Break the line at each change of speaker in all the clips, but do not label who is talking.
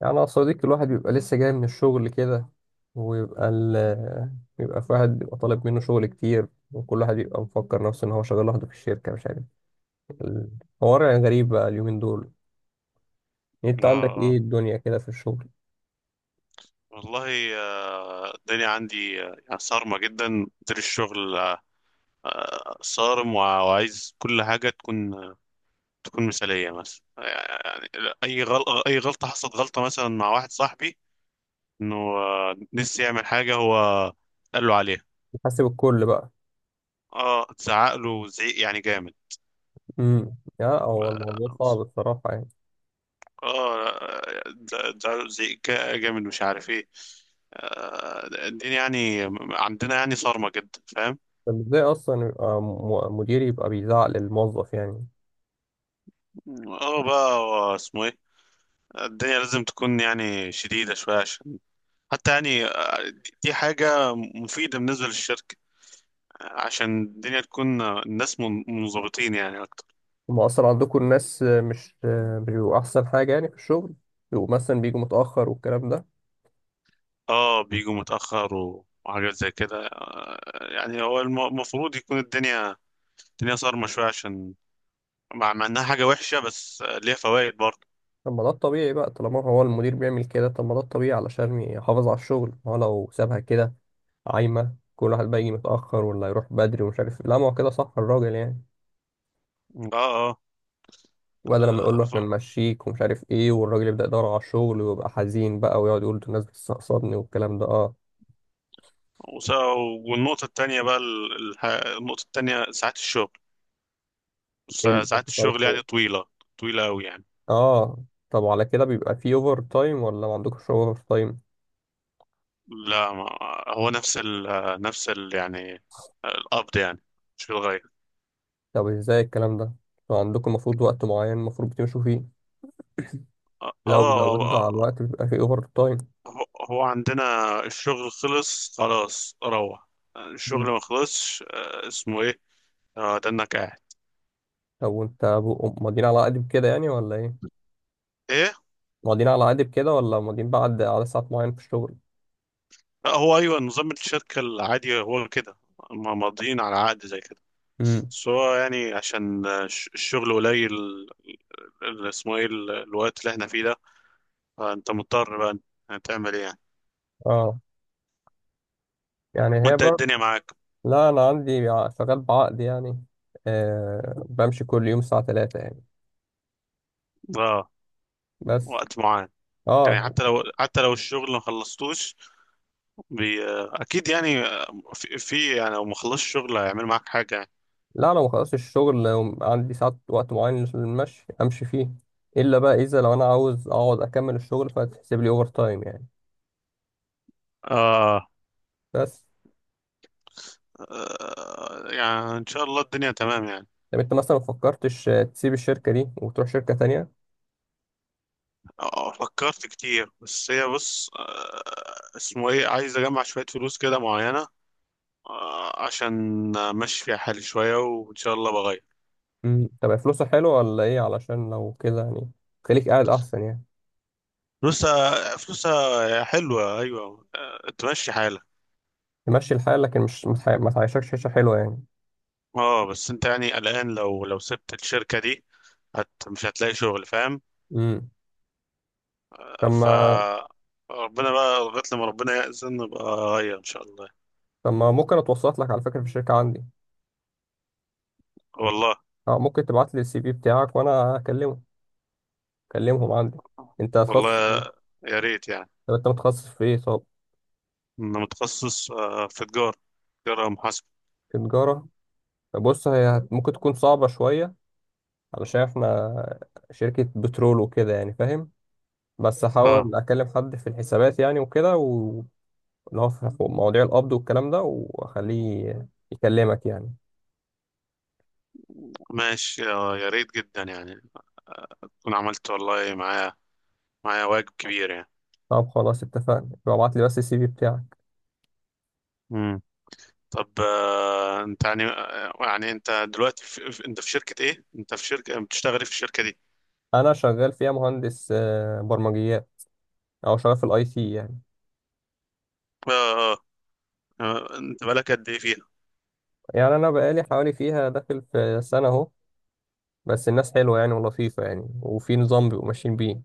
يعني يا صديقي الواحد بيبقى لسه جاي من الشغل كده ويبقى ال بيبقى في واحد بيبقى طالب منه شغل كتير، وكل واحد بيبقى مفكر نفسه ان هو شغال لوحده في الشركة، مش عارف. الحوار يعني غريب بقى اليومين دول. انت
اه
عندك ايه
اه
الدنيا كده في الشغل؟
والله الدنيا عندي يعني صارمة جدا مدير الشغل صارم وعايز كل حاجة تكون تكون مثالية مثلا يعني. أي غلطة حصلت غلطة مثلا مع واحد صاحبي إنه نسي يعمل حاجة هو، قال له عليها.
بتحسب الكل بقى؟
اه اتزعق له زعيق يعني جامد.
يا هو
و-
الموضوع صعب الصراحة يعني.
اه لا، اتزعق له زعيق جامد مش عارف ايه. الدنيا يعني عندنا يعني صارمة جدا، فاهم؟
طب ازاي اصلا يبقى مدير يبقى بيزعق للموظف يعني؟
اه بقى هو اسمه ايه، الدنيا لازم تكون يعني شديدة شوية عشان حتى يعني دي حاجة مفيدة بالنسبة للشركة، عشان الدنيا تكون الناس منضبطين يعني أكتر.
هما اصلا عندكم الناس مش بيبقوا احسن حاجة يعني في الشغل؟ بيبقوا مثلا بيجوا متأخر والكلام ده؟
اه بيجوا متأخر وحاجات زي كده يعني هو المفروض يكون الدنيا، الدنيا صارمة شوية عشان مع إنها حاجة وحشة بس ليها فوائد برضه.
طب ما ده الطبيعي بقى، طالما هو المدير بيعمل كده. طب ما ده الطبيعي علشان يحافظ على الشغل، ما هو لو سابها كده عايمة كل واحد بقى يجي متأخر ولا يروح بدري، ومش عارف. لا ما هو كده صح الراجل يعني.
اه اه
وبدل لما يقول له
آه، ف-
احنا نمشيك ومش عارف ايه، والراجل يبدأ يدور على الشغل ويبقى حزين بقى ويقعد يقول ده الناس بتستقصدني والكلام ده، اه.
وس- والنقطة التانية بقى ال- الح- النقطة التانية ساعات الشغل،
ايه اللي بيحصل على
يعني
الشغل؟
طويلة، طويلة أوي يعني.
اه. طب وعلى كده بيبقى في اوفر تايم ولا ما عندكوش اوفر تايم؟
لا ما هو نفس ال يعني، القبض يعني مش في الغاية.
طب ازاي الكلام ده؟ طب عندكم المفروض وقت معين المفروض بتمشوا فيه،
آه
لو
آه،
زودنا على
آه،
الوقت بيبقى في اوفر تايم؟
هو عندنا الشغل خلص خلاص روح، الشغل ما خلصش اسمه إيه، ده إنك قاعد.
طب وانت ماضيين على قدب كده يعني ولا ايه؟
إيه؟
ماضيين على قدب كده ولا ماضيين بعد عدد ساعات معين في الشغل؟
لا هو أيوة نظام الشركة العادي هو كده، ما ماضيين على عقد زي كده.
امم.
بس هو يعني عشان الشغل قليل، الوقت اللي إحنا فيه ده، فانت مضطر بقى، هتعمل ايه يعني؟
اه يعني هي
وانت إيه
بر...
الدنيا معاك؟
لا انا عندي شغال بعقد يعني. آه بمشي كل يوم الساعة 3 يعني،
اه
بس.
وقت معين. يعني
اه.
حتى لو الشغل ما خلصتوش، بي... آه، اكيد يعني في يعني لو ما خلصش الشغل هيعمل معاك حاجه يعني.
لا انا ما خلصتش الشغل، عندي ساعات وقت معين للمشي امشي فيه. الا بقى اذا لو انا عاوز اقعد اكمل الشغل فتحسب لي اوفر تايم يعني،
آه.
بس.
اه يعني ان شاء الله الدنيا تمام يعني.
طب انت مثلا ما فكرتش تسيب الشركة دي وتروح شركة تانية؟
آه فكرت كتير، بس هي بص آه اسمه ايه، عايز اجمع شويه فلوس كده معينه آه عشان امشي فيها حالي شويه وان شاء الله بغير.
مم. طب فلوسه حلوة ولا ايه؟ علشان لو كده يعني خليك قاعد احسن يعني.
فلوسها حلوه ايوه آه، تمشي حالك.
تمشي الحال، لكن مش ما تعيشكش عيشة حلوة يعني.
اه بس انت يعني قلقان، لو سبت الشركة دي مش هتلاقي شغل، فاهم؟
امم. طب
ف
ما
ربنا بقى لغاية لما ربنا يأذن نبقى أغير إن شاء الله.
طب ما ممكن اتوسط لك على فكرة في الشركة عندي؟
والله،
اه ممكن تبعت لي السي في بتاعك وانا اكلمه، اكلمهم عندي. انت هتخصص؟
والله يا ريت يعني.
طب انت متخصص في ايه طب؟
أنا متخصص في تجارة، تجارة محاسبة.
في تجارة. طب بص هي ممكن تكون صعبة شوية، علشان احنا شركة بترول وكده يعني، فاهم. بس
اه
هحاول اكلم حد في الحسابات يعني وكده، اللي هو في مواضيع القبض والكلام ده، واخليه يكلمك يعني.
ماشي يا ريت جدا يعني، آه، تكون عملت والله معايا، معايا واجب كبير يعني.
طب خلاص اتفقنا، يبقى ابعت لي بس السي في بتاعك.
مم. طب انت يعني يعني انت دلوقتي انت في شركة ايه؟ انت في شركة بتشتغلي في الشركة دي.
انا شغال فيها مهندس برمجيات، او شغال في الاي تي يعني.
اه آه. انت بقالك قد ايه فيها؟
يعني انا بقالي حوالي فيها داخل في سنه اهو. بس الناس حلوه يعني ولطيفه يعني، وفي نظام بيبقوا ماشيين بيه.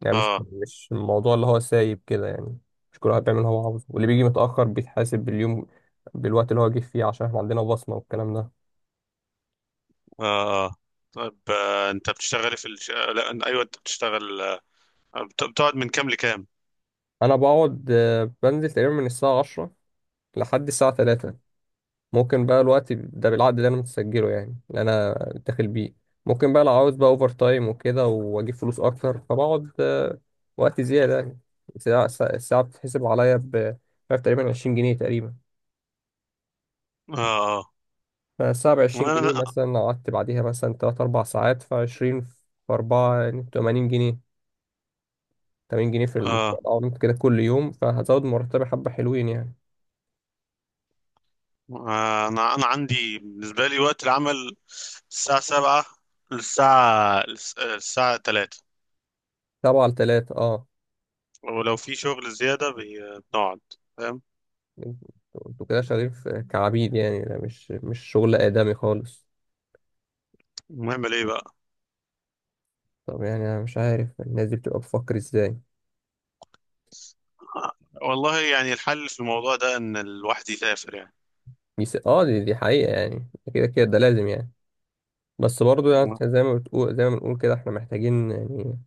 يعني مش
اه
مش الموضوع اللي هو سايب كده يعني. مش كل واحد بيعمل اللي هو عاوزه، واللي بيجي متاخر بيتحاسب باليوم، بالوقت اللي هو جه فيه، عشان احنا عندنا بصمه والكلام ده.
اه آه. طيب انت بتشتغلي في الش... آه، لا أن- ايوه انت بتشتغل بتقعد من كام لكام؟
انا بقعد بنزل تقريبا من الساعه 10 لحد الساعه 3. ممكن بقى الوقت ده بالعقد اللي انا متسجله يعني، اللي انا داخل بيه. ممكن بقى لو عاوز بقى اوفر تايم وكده، واجيب فلوس اكتر، فبقعد وقت زياده يعني. الساعة بتتحسب عليا ب مش عارف تقريبا 20 جنيه تقريبا.
اه آه.
فالساعه ب 20
انا
جنيه
انا
مثلا، لو قعدت بعديها مثلا 3 4 ساعات، ف 20 في 4 يعني 80 جنيه. 80 جنيه في
آه.
الأونت كده كل يوم، فهزود مرتبي حبه حلوين يعني.
آه، انا انا عندي بالنسبه لي وقت العمل الساعه 7 للساعه للس- آه، الساعه 3،
7 ل 3، اه.
ولو في شغل زياده بنقعد، فاهم؟
انتوا انتوا كده شغالين كعبيد يعني، ده مش شغل آدمي خالص.
نعمل ايه بقى؟
طب يعني انا مش عارف الناس دي بتبقى بتفكر ازاي.
آه، والله يعني الحل في الموضوع ده ان الواحد يسافر يعني.
اه، دي حقيقة يعني، كده كده ده لازم يعني. بس برضو يعني
اه
إحنا زي ما بتقول، زي ما بنقول كده، احنا محتاجين يعني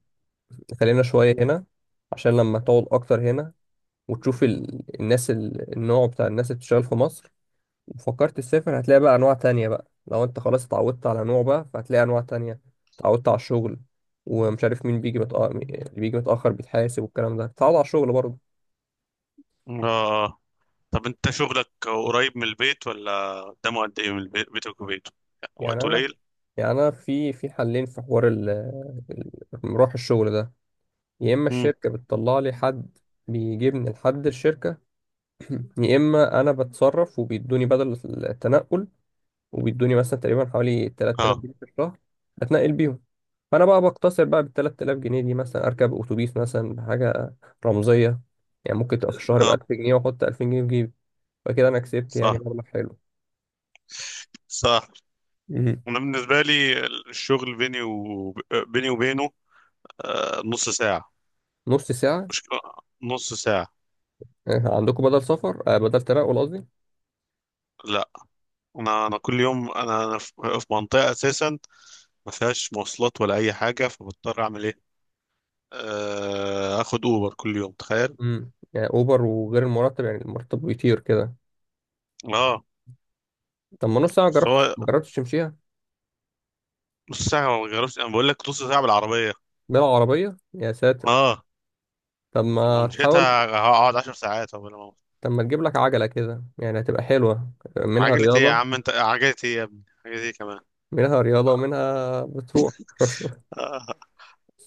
خلينا شوية هنا، عشان لما تقعد اكتر هنا وتشوف الناس النوع بتاع الناس اللي بتشتغل في مصر، وفكرت تسافر، هتلاقي بقى انواع تانية بقى. لو انت خلاص اتعودت على نوع بقى فهتلاقي انواع تانية، اتعودت على الشغل، ومش عارف مين بيجي متأخر، اللي بيجي متأخر بيتحاسب والكلام ده، تتعود على الشغل برضه.
آه. طب انت شغلك قريب من البيت ولا قدامه، قد ايه من البيت، بيتك وبيته؟
يعني
وقت
انا
قليل.
يعني انا في حلين في حوار ال- مروح الشغل ده. يا اما
امم.
الشركه بتطلع لي حد بيجيبني لحد الشركه، يا اما انا بتصرف وبيدوني بدل التنقل، وبيدوني مثلا تقريبا حوالي 3000
اه
جنيه في الشهر اتنقل بيهم. فانا بقى بقتصر بقى بال 3000 جنيه دي، مثلا اركب اتوبيس مثلا بحاجه رمزيه يعني. ممكن تبقى في الشهر ب
اه
1000 جنيه، واحط 2000 جنيه في جيبي. فكده انا كسبت يعني
صح،
مبلغ حلو،
صح.
مهم.
انا بالنسبه لي الشغل بيني وبينه نص ساعه،
نص ساعه؟
مشكله، نص ساعه.
عندكم بدل سفر، بدل تنقل قصدي؟
لا انا انا كل يوم انا انا في في منطقه اساسا ما فيهاش مواصلات ولا اي حاجه، فبضطر اعمل ايه، آه اخد اوبر كل يوم، تخيل.
امم، يعني اوبر وغير المرتب، يعني المرتب بيطير كده.
اه
طب ما نص ساعه، جربت
سواء،
ما جربتش تمشيها؟
نص ساعه ما بغيرش، انا بقول لك نص ساعه بالعربيه.
بالعربيه؟ يا ساتر.
اه
طب
لو
ما تحاول.
مشيتها هقعد عشر ساعات قبل ما أوصل.
طب ما تجيب لك عجله كده يعني، هتبقى حلوه، منها
عجلة ايه يا
رياضه،
عم، انت عجلة ايه يا ابني، عجلة ايه كمان؟
منها رياضه ومنها بتروح.
آه،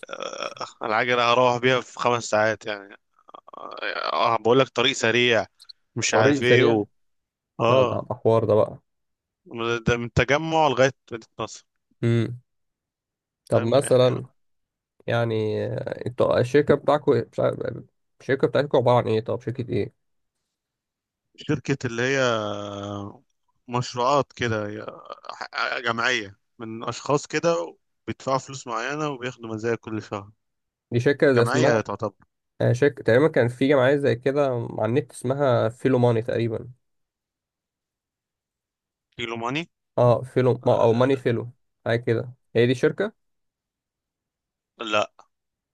العجلة هروح بيها في خمس ساعات يعني. اه بقول لك طريق سريع، مش
طريق
عارف ايه
سريع؟
و...
لا ده
اه
ده حوار ده بقى.
من ده، من التجمع لغاية مدينة نصر،
امم. طب
فاهم
مثلا
يعني.
يعني انتوا الشركه بتاعكم مش عارف، الشركه بتاعتكم عباره عن ايه طب، شركه ايه؟
شركة اللي هي مشروعات كده هي، جمعية من أشخاص كده بيدفعوا فلوس معينة وبياخدوا مزايا كل شهر،
دي شركه زي
جمعية
اسمها،
تعتبر.
شركه تقريبا كان في جمعيه زي كده على النت اسمها فيلو ماني تقريبا.
كيلو ماني؟
اه فيلو ما- او
آه،
ماني فيلو، حاجه كده، هي دي شركه؟
لا.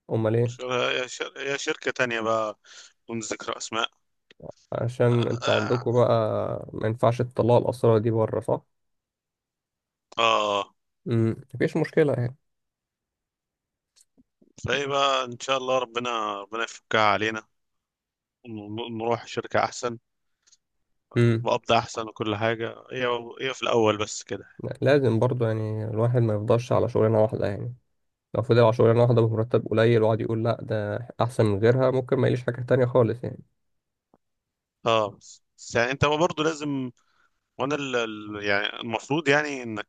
امال ايه؟
يا شركة تانية بقى، دون ذكر أسماء.
عشان انت
آه
عندكم بقى ما ينفعش تطلعوا الاسرار دي بره، صح؟
آه.
مفيش مشكله يعني.
بقى إن شاء الله ربنا، ربنا يفكها علينا نروح شركة أحسن،
امم.
بقبض أحسن وكل حاجة. هي في الأول بس كده.
لا، لازم برضو يعني الواحد ما يفضلش على شغلانه واحده يعني. لو فضل على شغلانه واحده بمرتب قليل، وقعد يقول لا ده احسن من غيرها، ممكن ما يليش حاجه تانية خالص يعني.
آه بس يعني أنت برضه لازم، يعني المفروض يعني إنك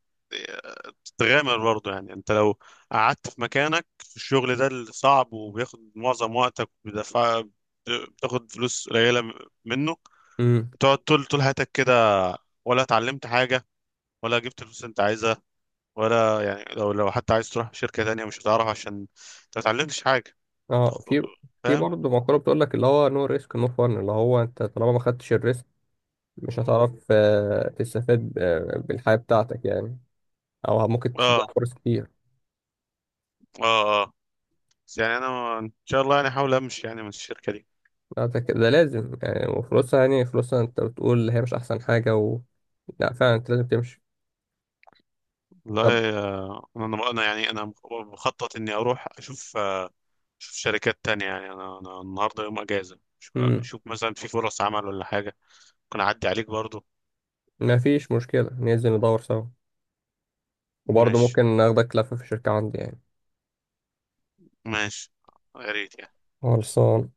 تغامر برضه. يعني أنت لو قعدت في مكانك في الشغل ده الصعب وبياخد معظم وقتك وبيدفع، بتاخد فلوس قليلة منه،
امم.
تقعد طول حياتك كده ولا اتعلمت حاجة، ولا جبت الفلوس اللي انت عايزها، ولا يعني لو لو حتى عايز تروح شركة تانية مش هتعرف عشان انت متعلمتش حاجة،
اه، في، في
فاهم؟
برضه مقوله بتقول لك اللي هو نو ريسك نو فن، اللي هو انت طالما ما خدتش الريسك مش هتعرف تستفاد بالحياه بتاعتك يعني، او ممكن تضيع
اه
فرص كتير.
اه اه بس يعني انا ان شاء الله يعني احاول امشي يعني من الشركة دي.
لا ده, ده لازم يعني، وفلوسها يعني، فلوسها انت بتقول هي مش احسن حاجه و... لا فعلا انت لازم تمشي. طب.
والله آه، انا انا يعني انا بخطط اني اروح اشوف اشوف شركات تانية يعني. انا انا النهاردة يوم اجازة، أشوف،
امم،
أشوف مثلا في فرص عمل ولا حاجة، ممكن اعدي عليك برضو.
ما فيش مشكله ننزل ندور سوا. وبرضه
ماشي،
ممكن ناخدك لفه في الشركه عندي يعني.
ماشي يا ريت يعني.
خلصان.